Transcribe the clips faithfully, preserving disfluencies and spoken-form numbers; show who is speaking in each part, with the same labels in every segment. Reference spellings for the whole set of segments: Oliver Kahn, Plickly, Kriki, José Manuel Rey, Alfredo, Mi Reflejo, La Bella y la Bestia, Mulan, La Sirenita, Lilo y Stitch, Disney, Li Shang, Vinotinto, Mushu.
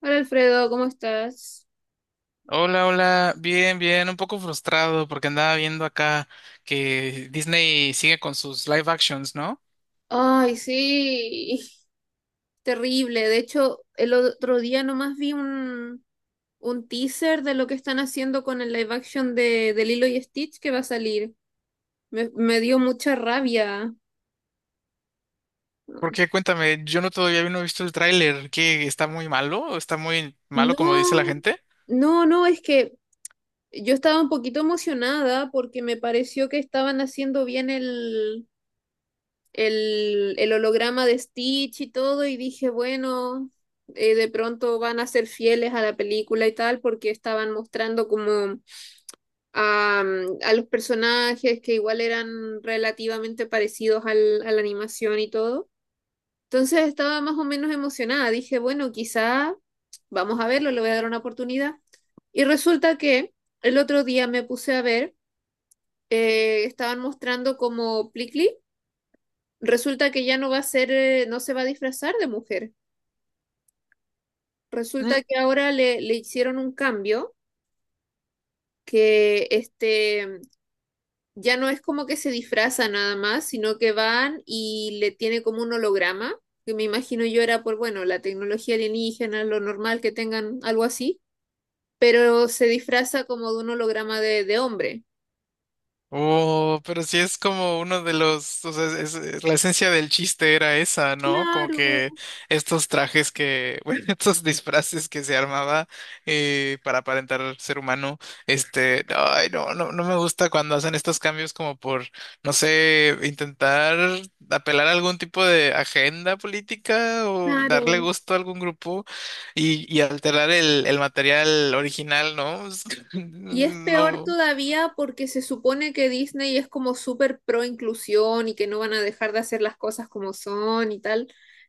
Speaker 1: Hola Alfredo, ¿cómo estás?
Speaker 2: Hola, hola, bien, bien, un poco frustrado porque andaba viendo acá que Disney sigue con sus live actions, ¿no?
Speaker 1: Ay, sí, terrible. De hecho, el otro día nomás vi un, un teaser de lo que están haciendo con el live action de, de Lilo y Stitch que va a salir. Me, me dio mucha rabia.
Speaker 2: Porque cuéntame, yo no todavía no he visto el tráiler. ¿Qué, está muy malo, está muy malo como dice la
Speaker 1: No,
Speaker 2: gente?
Speaker 1: no, no, es que yo estaba un poquito emocionada porque me pareció que estaban haciendo bien el, el holograma de Stitch y todo, y dije, bueno, eh, de pronto van a ser fieles a la película y tal, porque estaban mostrando como a, mm, a los personajes que igual eran relativamente parecidos al, a la animación y todo. Entonces estaba más o menos emocionada, dije, bueno, quizá vamos a verlo, le voy a dar una oportunidad. Y resulta que el otro día me puse a ver, eh, estaban mostrando como Plickly, resulta que ya no va a ser, eh, no se va a disfrazar de mujer.
Speaker 2: Mm.
Speaker 1: Resulta que ahora le, le hicieron un cambio que este ya no es como que se disfraza nada más, sino que van y le tiene como un holograma, que me imagino yo era por, bueno, la tecnología alienígena, lo normal que tengan algo así, pero se disfraza como de un holograma de, de hombre.
Speaker 2: Oh, pero sí es como uno de los, o sea, es- es- la esencia del chiste era esa, ¿no? Como
Speaker 1: Claro,
Speaker 2: que estos trajes que, bueno, estos disfraces que se armaba eh, para aparentar ser humano, este, ay, no, no, no me gusta cuando hacen estos cambios como por, no sé, intentar apelar a algún tipo de agenda política o darle
Speaker 1: claro.
Speaker 2: gusto a algún grupo y, y alterar el, el material original, ¿no?
Speaker 1: Y es peor
Speaker 2: No.
Speaker 1: todavía porque se supone que Disney es como súper pro inclusión y que no van a dejar de hacer las cosas como son y tal.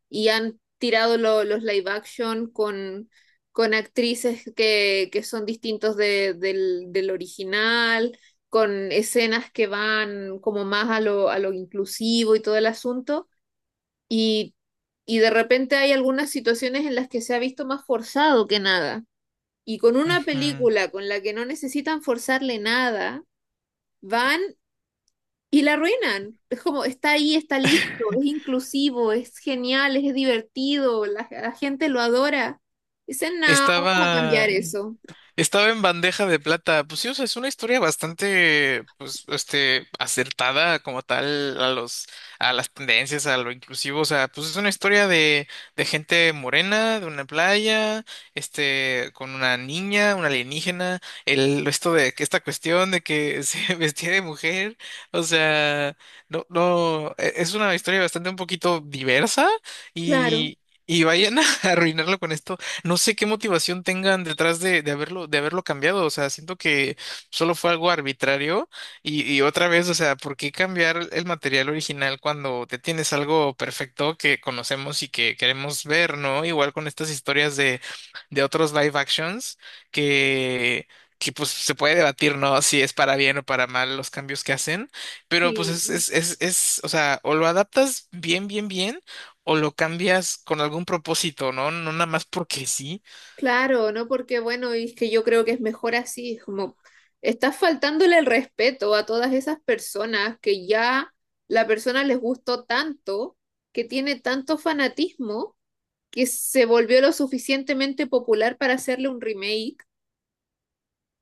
Speaker 1: Y han tirado lo- los live action con, con actrices que, que son distintos de- del, del original, con escenas que van como más a lo, a lo inclusivo y todo el asunto. Y, y de repente hay algunas situaciones en las que se ha visto más forzado que nada y con una
Speaker 2: Ujú.
Speaker 1: película con la que no necesitan forzarle nada, van y la arruinan. Es como, está ahí, está listo, es inclusivo, es genial, es divertido, la, la gente lo adora. Dicen, no, vamos a cambiar
Speaker 2: Estaba,
Speaker 1: eso.
Speaker 2: estaba en bandeja de plata. Pues sí, o sea, es una historia bastante, pues, este, acertada como tal a los, a las tendencias, a lo inclusivo. O sea, pues es una historia de, de gente morena, de una playa, este, con una niña, una alienígena, el, esto de que esta cuestión de que se vestía de mujer. O sea, no, no, e- es una historia bastante un poquito diversa
Speaker 1: Claro,
Speaker 2: y, y vayan a arruinarlo con esto. No sé qué motivación tengan detrás de, de haberlo, de haberlo cambiado. O sea, siento que solo fue algo arbitrario. Y, y otra vez, o sea, ¿por qué cambiar el material original cuando te tienes algo perfecto que conocemos y que queremos ver, ¿no? Igual con estas historias de, de otros live actions que. que pues se puede debatir, ¿no? Si es para bien o para mal los cambios que hacen, pero pues
Speaker 1: sí,
Speaker 2: es es es o o sea o lo adaptas bien bien bien o lo cambias con algún propósito, ¿no? No nada más porque sí.
Speaker 1: claro, no porque, bueno, y es que yo creo que es mejor así, es como, estás faltándole el respeto a todas esas personas que ya la persona les gustó tanto, que tiene tanto fanatismo que se volvió lo suficientemente popular para hacerle un remake.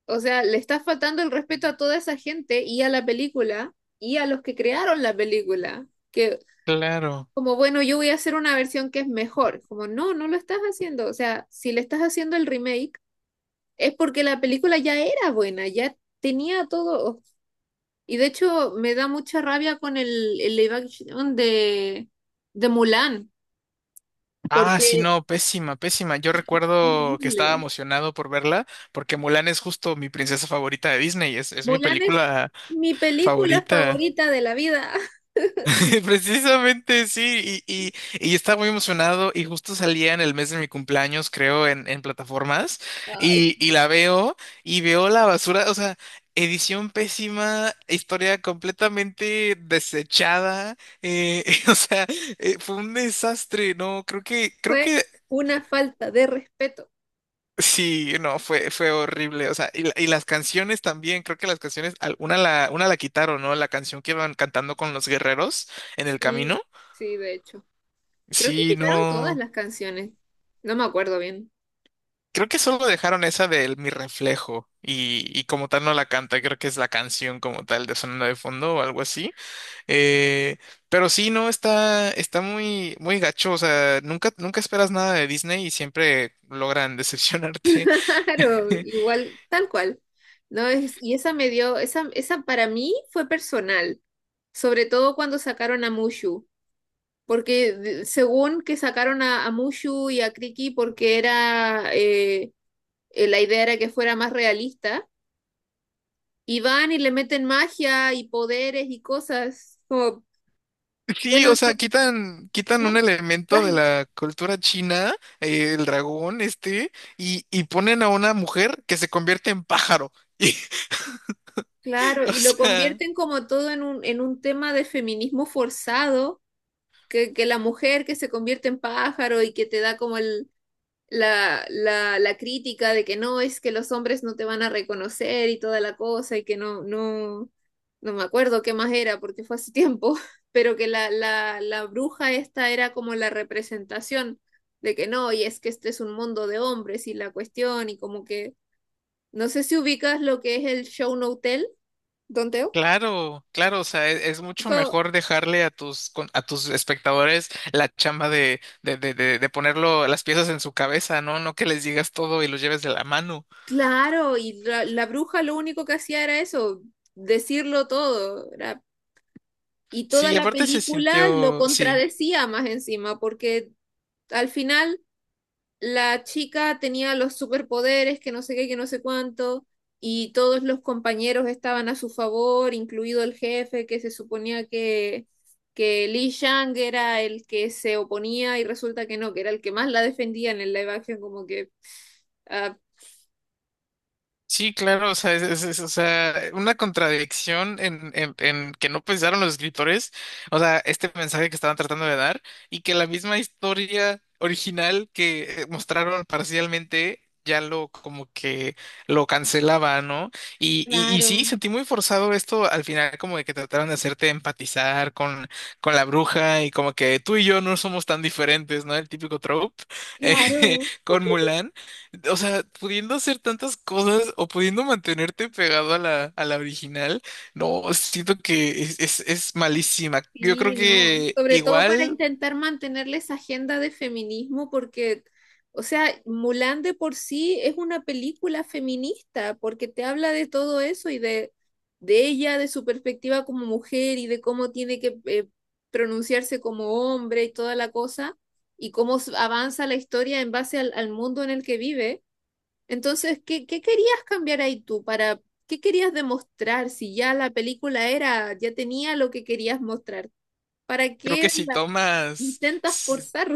Speaker 1: O sea, le está faltando el respeto a toda esa gente y a la película y a los que crearon la película. Que
Speaker 2: Claro.
Speaker 1: como, bueno, yo voy a hacer una versión que es mejor. Como, no, no lo estás haciendo. O sea, si le estás haciendo el remake, es porque la película ya era buena, ya tenía todo. Y de hecho, me da mucha rabia con el, el live action de, de Mulan,
Speaker 2: Ah, sí,
Speaker 1: porque es
Speaker 2: no, pésima, pésima. Yo recuerdo que estaba
Speaker 1: horrible.
Speaker 2: emocionado por verla porque Mulan es justo mi princesa favorita de Disney, es, es mi
Speaker 1: Mulan es
Speaker 2: película
Speaker 1: mi película
Speaker 2: favorita.
Speaker 1: favorita de la vida.
Speaker 2: Precisamente sí, y, y, y estaba muy emocionado y justo salía en el mes de mi cumpleaños, creo, en, en plataformas,
Speaker 1: Ay,
Speaker 2: y, y la veo y veo la basura, o sea, edición pésima, historia completamente desechada, eh, o sea, eh, fue un desastre. No, creo que, creo
Speaker 1: fue
Speaker 2: que
Speaker 1: una falta de respeto.
Speaker 2: sí, no, fue, fue horrible, o sea, y, la- y las canciones también, creo que las canciones, al- una la, una la quitaron, ¿no? La canción que iban cantando con los guerreros en el
Speaker 1: Sí,
Speaker 2: camino.
Speaker 1: sí, de hecho. Creo que
Speaker 2: Sí,
Speaker 1: quitaron todas
Speaker 2: no.
Speaker 1: las canciones. No me acuerdo bien.
Speaker 2: Creo que solo dejaron esa del Mi Reflejo y, y como tal no la canta, creo que es la canción como tal de sonando de fondo o algo así. Eh, pero sí, no, está, está muy, muy gacho, o sea, nunca, nunca esperas nada de Disney y siempre logran decepcionarte.
Speaker 1: Claro, igual, tal cual. No es, y esa me dio, esa, esa para mí fue personal, sobre todo cuando sacaron a Mushu, porque de- según que sacaron a, a Mushu y a Kriki porque era eh, eh, la idea era que fuera más realista. Y van y le meten magia y poderes y cosas. Como,
Speaker 2: Sí,
Speaker 1: bueno,
Speaker 2: o
Speaker 1: no,
Speaker 2: sea, quitan, quitan
Speaker 1: no,
Speaker 2: un elemento de
Speaker 1: ah,
Speaker 2: la cultura china, eh, el dragón este, y, y ponen a una mujer que se convierte en pájaro. Y,
Speaker 1: claro,
Speaker 2: o
Speaker 1: y lo
Speaker 2: sea...
Speaker 1: convierten como todo en un, en un tema de feminismo forzado, que, que la mujer que se convierte en pájaro y que te da como el, la, la, la crítica de que no, es que los hombres no te van a reconocer y toda la cosa y que no, no, no me acuerdo qué más era porque fue hace tiempo, pero que la, la, la bruja esta era como la representación de que no, y es que este es un mundo de hombres y la cuestión y como que, no sé si ubicas lo que es el show no hotel, Don Teo.
Speaker 2: Claro, claro, o sea, e- es mucho
Speaker 1: Dijo,
Speaker 2: mejor dejarle a tus con- a tus espectadores la chamba de, de, de, de, de ponerlo las piezas en su cabeza, ¿no? No que les digas todo y los lleves de la mano.
Speaker 1: claro, y la, la bruja lo único que hacía era eso, decirlo todo, era. Y
Speaker 2: Sí,
Speaker 1: toda
Speaker 2: y
Speaker 1: la
Speaker 2: aparte se
Speaker 1: película lo
Speaker 2: sintió, sí.
Speaker 1: contradecía más encima, porque al final la chica tenía los superpoderes, que no sé qué, que no sé cuánto, y todos los compañeros estaban a su favor, incluido el jefe, que se suponía que, que Li Shang era el que se oponía, y resulta que no, que era el que más la defendía en el live action, como que... ah,
Speaker 2: Sí, claro, o sea, es, es- es, o sea, una contradicción en, en, en que no pensaron los escritores, o sea, este mensaje que estaban tratando de dar y que la misma historia original que eh, mostraron parcialmente ya lo como que lo cancelaba, ¿no? Y, y, y sí,
Speaker 1: claro,
Speaker 2: sentí muy forzado esto al final, como de que trataron de hacerte empatizar con, con la bruja y como que tú y yo no somos tan diferentes, ¿no? El típico trope eh,
Speaker 1: claro.
Speaker 2: con Mulan. O sea, pudiendo hacer tantas cosas o pudiendo mantenerte pegado a la, a la original, no, siento que es, es, es malísima. Yo creo
Speaker 1: Sí, no.
Speaker 2: que
Speaker 1: Sobre todo para
Speaker 2: igual,
Speaker 1: intentar mantenerle esa agenda de feminismo, porque, o sea, Mulan de por sí es una película feminista, porque te habla de todo eso y de, de ella, de su perspectiva como mujer y de cómo tiene que eh, pronunciarse como hombre y toda la cosa, y cómo s- avanza la historia en base al, al mundo en el que vive. Entonces, ¿qué, qué querías cambiar ahí tú para, qué querías demostrar si ya la película era, ya tenía lo que querías mostrar? ¿Para
Speaker 2: creo
Speaker 1: qué
Speaker 2: que si
Speaker 1: la
Speaker 2: tomas
Speaker 1: intentas forzar?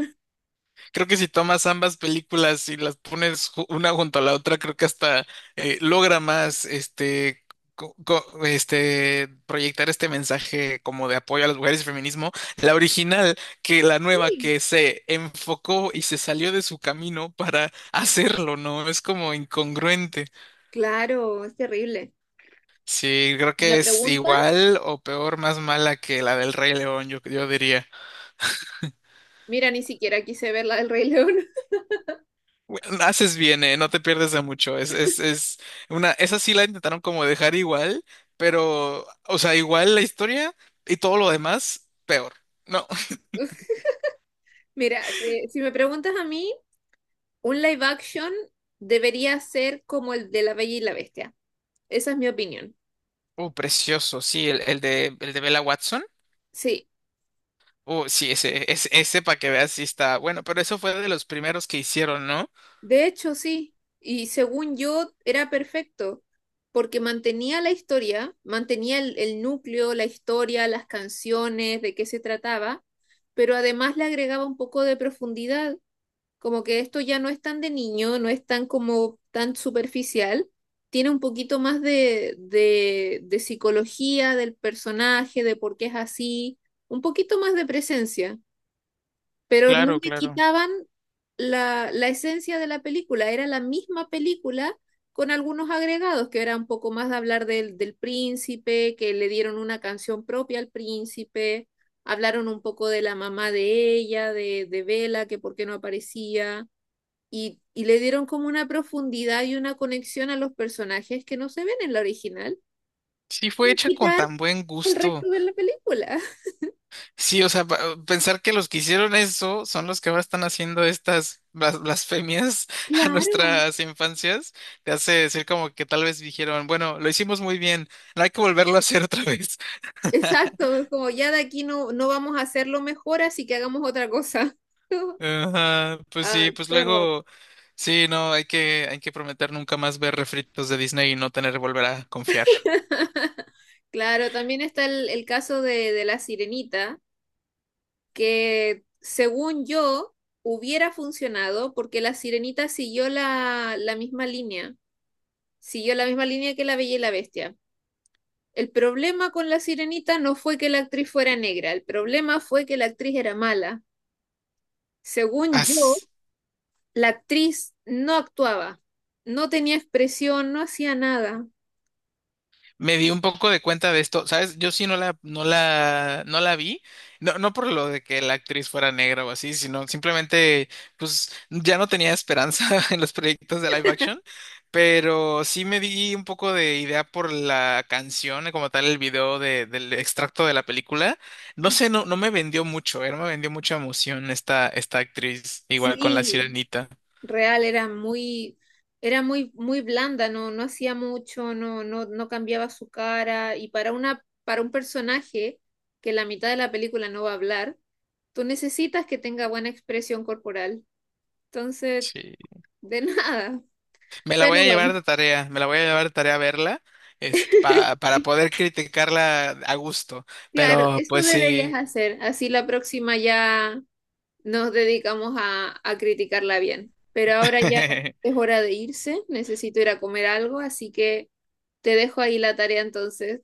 Speaker 2: creo que si tomas ambas películas y las pones ju- una junto a la otra, creo que hasta eh, logra más este, co- co- este proyectar este mensaje como de apoyo a las mujeres y feminismo, la original que la nueva
Speaker 1: Sí,
Speaker 2: que se enfocó y se salió de su camino para hacerlo, ¿no? Es como incongruente.
Speaker 1: claro, es terrible.
Speaker 2: Sí, creo
Speaker 1: Si me
Speaker 2: que es
Speaker 1: preguntas,
Speaker 2: igual o peor, más mala que la del Rey León, yo, yo diría.
Speaker 1: mira, ni siquiera quise ver la del Rey León.
Speaker 2: Bueno, haces bien, eh, no te pierdes de mucho. Es, es, es una, esa sí la intentaron como dejar igual, pero, o sea, igual la historia y todo lo demás, peor. No.
Speaker 1: Mira, si, si me preguntas a mí, un live action debería ser como el de La Bella y la Bestia. Esa es mi opinión.
Speaker 2: Uh, precioso, sí, el, el de, el de Bella Watson.
Speaker 1: Sí,
Speaker 2: Uh, sí, ese, ese, ese para que veas si está bueno, pero eso fue de los primeros que hicieron, ¿no?
Speaker 1: de hecho sí. Y según yo, era perfecto, porque mantenía la historia, mantenía el, el núcleo, la historia, las canciones, de qué se trataba, pero además le agregaba un poco de profundidad. Como que esto ya no es tan de niño, no es tan como tan superficial, tiene un poquito más de, de, de psicología del personaje, de por qué es así, un poquito más de presencia, pero no
Speaker 2: Claro,
Speaker 1: le
Speaker 2: claro.
Speaker 1: quitaban la, la esencia de la película, era la misma película con algunos agregados, que era un poco más de hablar del, del príncipe, que le dieron una canción propia al príncipe, hablaron un poco de la mamá de ella, de, de Bella, que por qué no aparecía y, y le dieron como una profundidad y una conexión a los personajes que no se ven en la original,
Speaker 2: Sí, fue
Speaker 1: sin
Speaker 2: hecha con
Speaker 1: quitar
Speaker 2: tan buen
Speaker 1: el
Speaker 2: gusto.
Speaker 1: resto de la película.
Speaker 2: Sí, o sea, pa- pensar que los que hicieron eso son los que ahora están haciendo estas blas- blasfemias a
Speaker 1: Claro.
Speaker 2: nuestras infancias, te hace decir como que tal vez dijeron, bueno, lo hicimos muy bien, no hay que volverlo a hacer otra vez.
Speaker 1: Exacto, es como ya de aquí no, no vamos a hacerlo mejor, así que hagamos otra cosa.
Speaker 2: Ajá, pues
Speaker 1: Ah,
Speaker 2: sí, pues
Speaker 1: qué horror.
Speaker 2: luego, sí, no, hay que, hay que prometer nunca más ver refritos de Disney y no tener que volver a confiar.
Speaker 1: Claro, también está el, el caso de, de la sirenita, que según yo hubiera funcionado porque la sirenita siguió la, la misma línea, siguió la misma línea que la Bella y la Bestia. El problema con La Sirenita no fue que la actriz fuera negra, el problema fue que la actriz era mala. Según yo,
Speaker 2: As.
Speaker 1: la actriz no actuaba, no tenía expresión, no hacía nada.
Speaker 2: Me di un poco de cuenta de esto, ¿sabes? Yo sí no la, no la, no la vi, no, no por lo de que la actriz fuera negra o así, sino simplemente, pues, ya no tenía esperanza en los proyectos de live action, pero sí me di un poco de idea por la canción, como tal, el video de- del extracto de la película. No sé, no, no me vendió mucho, eh, no me vendió mucha emoción esta, esta actriz, igual con la
Speaker 1: Sí,
Speaker 2: Sirenita.
Speaker 1: real era muy era muy muy blanda, no no hacía mucho, no no no cambiaba su cara y para una para un personaje que la mitad de la película no va a hablar, tú necesitas que tenga buena expresión corporal. Entonces,
Speaker 2: Sí.
Speaker 1: de nada.
Speaker 2: Me la voy
Speaker 1: Pero
Speaker 2: a
Speaker 1: bueno.
Speaker 2: llevar de tarea, me la voy a llevar de tarea a verla, este, pa- para poder criticarla a gusto.
Speaker 1: Claro,
Speaker 2: Pero
Speaker 1: eso
Speaker 2: pues
Speaker 1: deberías
Speaker 2: sí,
Speaker 1: hacer. Así la próxima ya nos dedicamos a, a criticarla bien. Pero ahora ya es hora de irse. Necesito ir a comer algo, así que te dejo ahí la tarea entonces.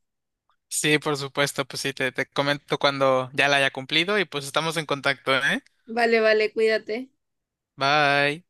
Speaker 2: sí, por supuesto, pues sí, te, te comento cuando ya la haya cumplido y pues estamos en contacto, ¿eh?
Speaker 1: Vale, vale, cuídate.
Speaker 2: Bye.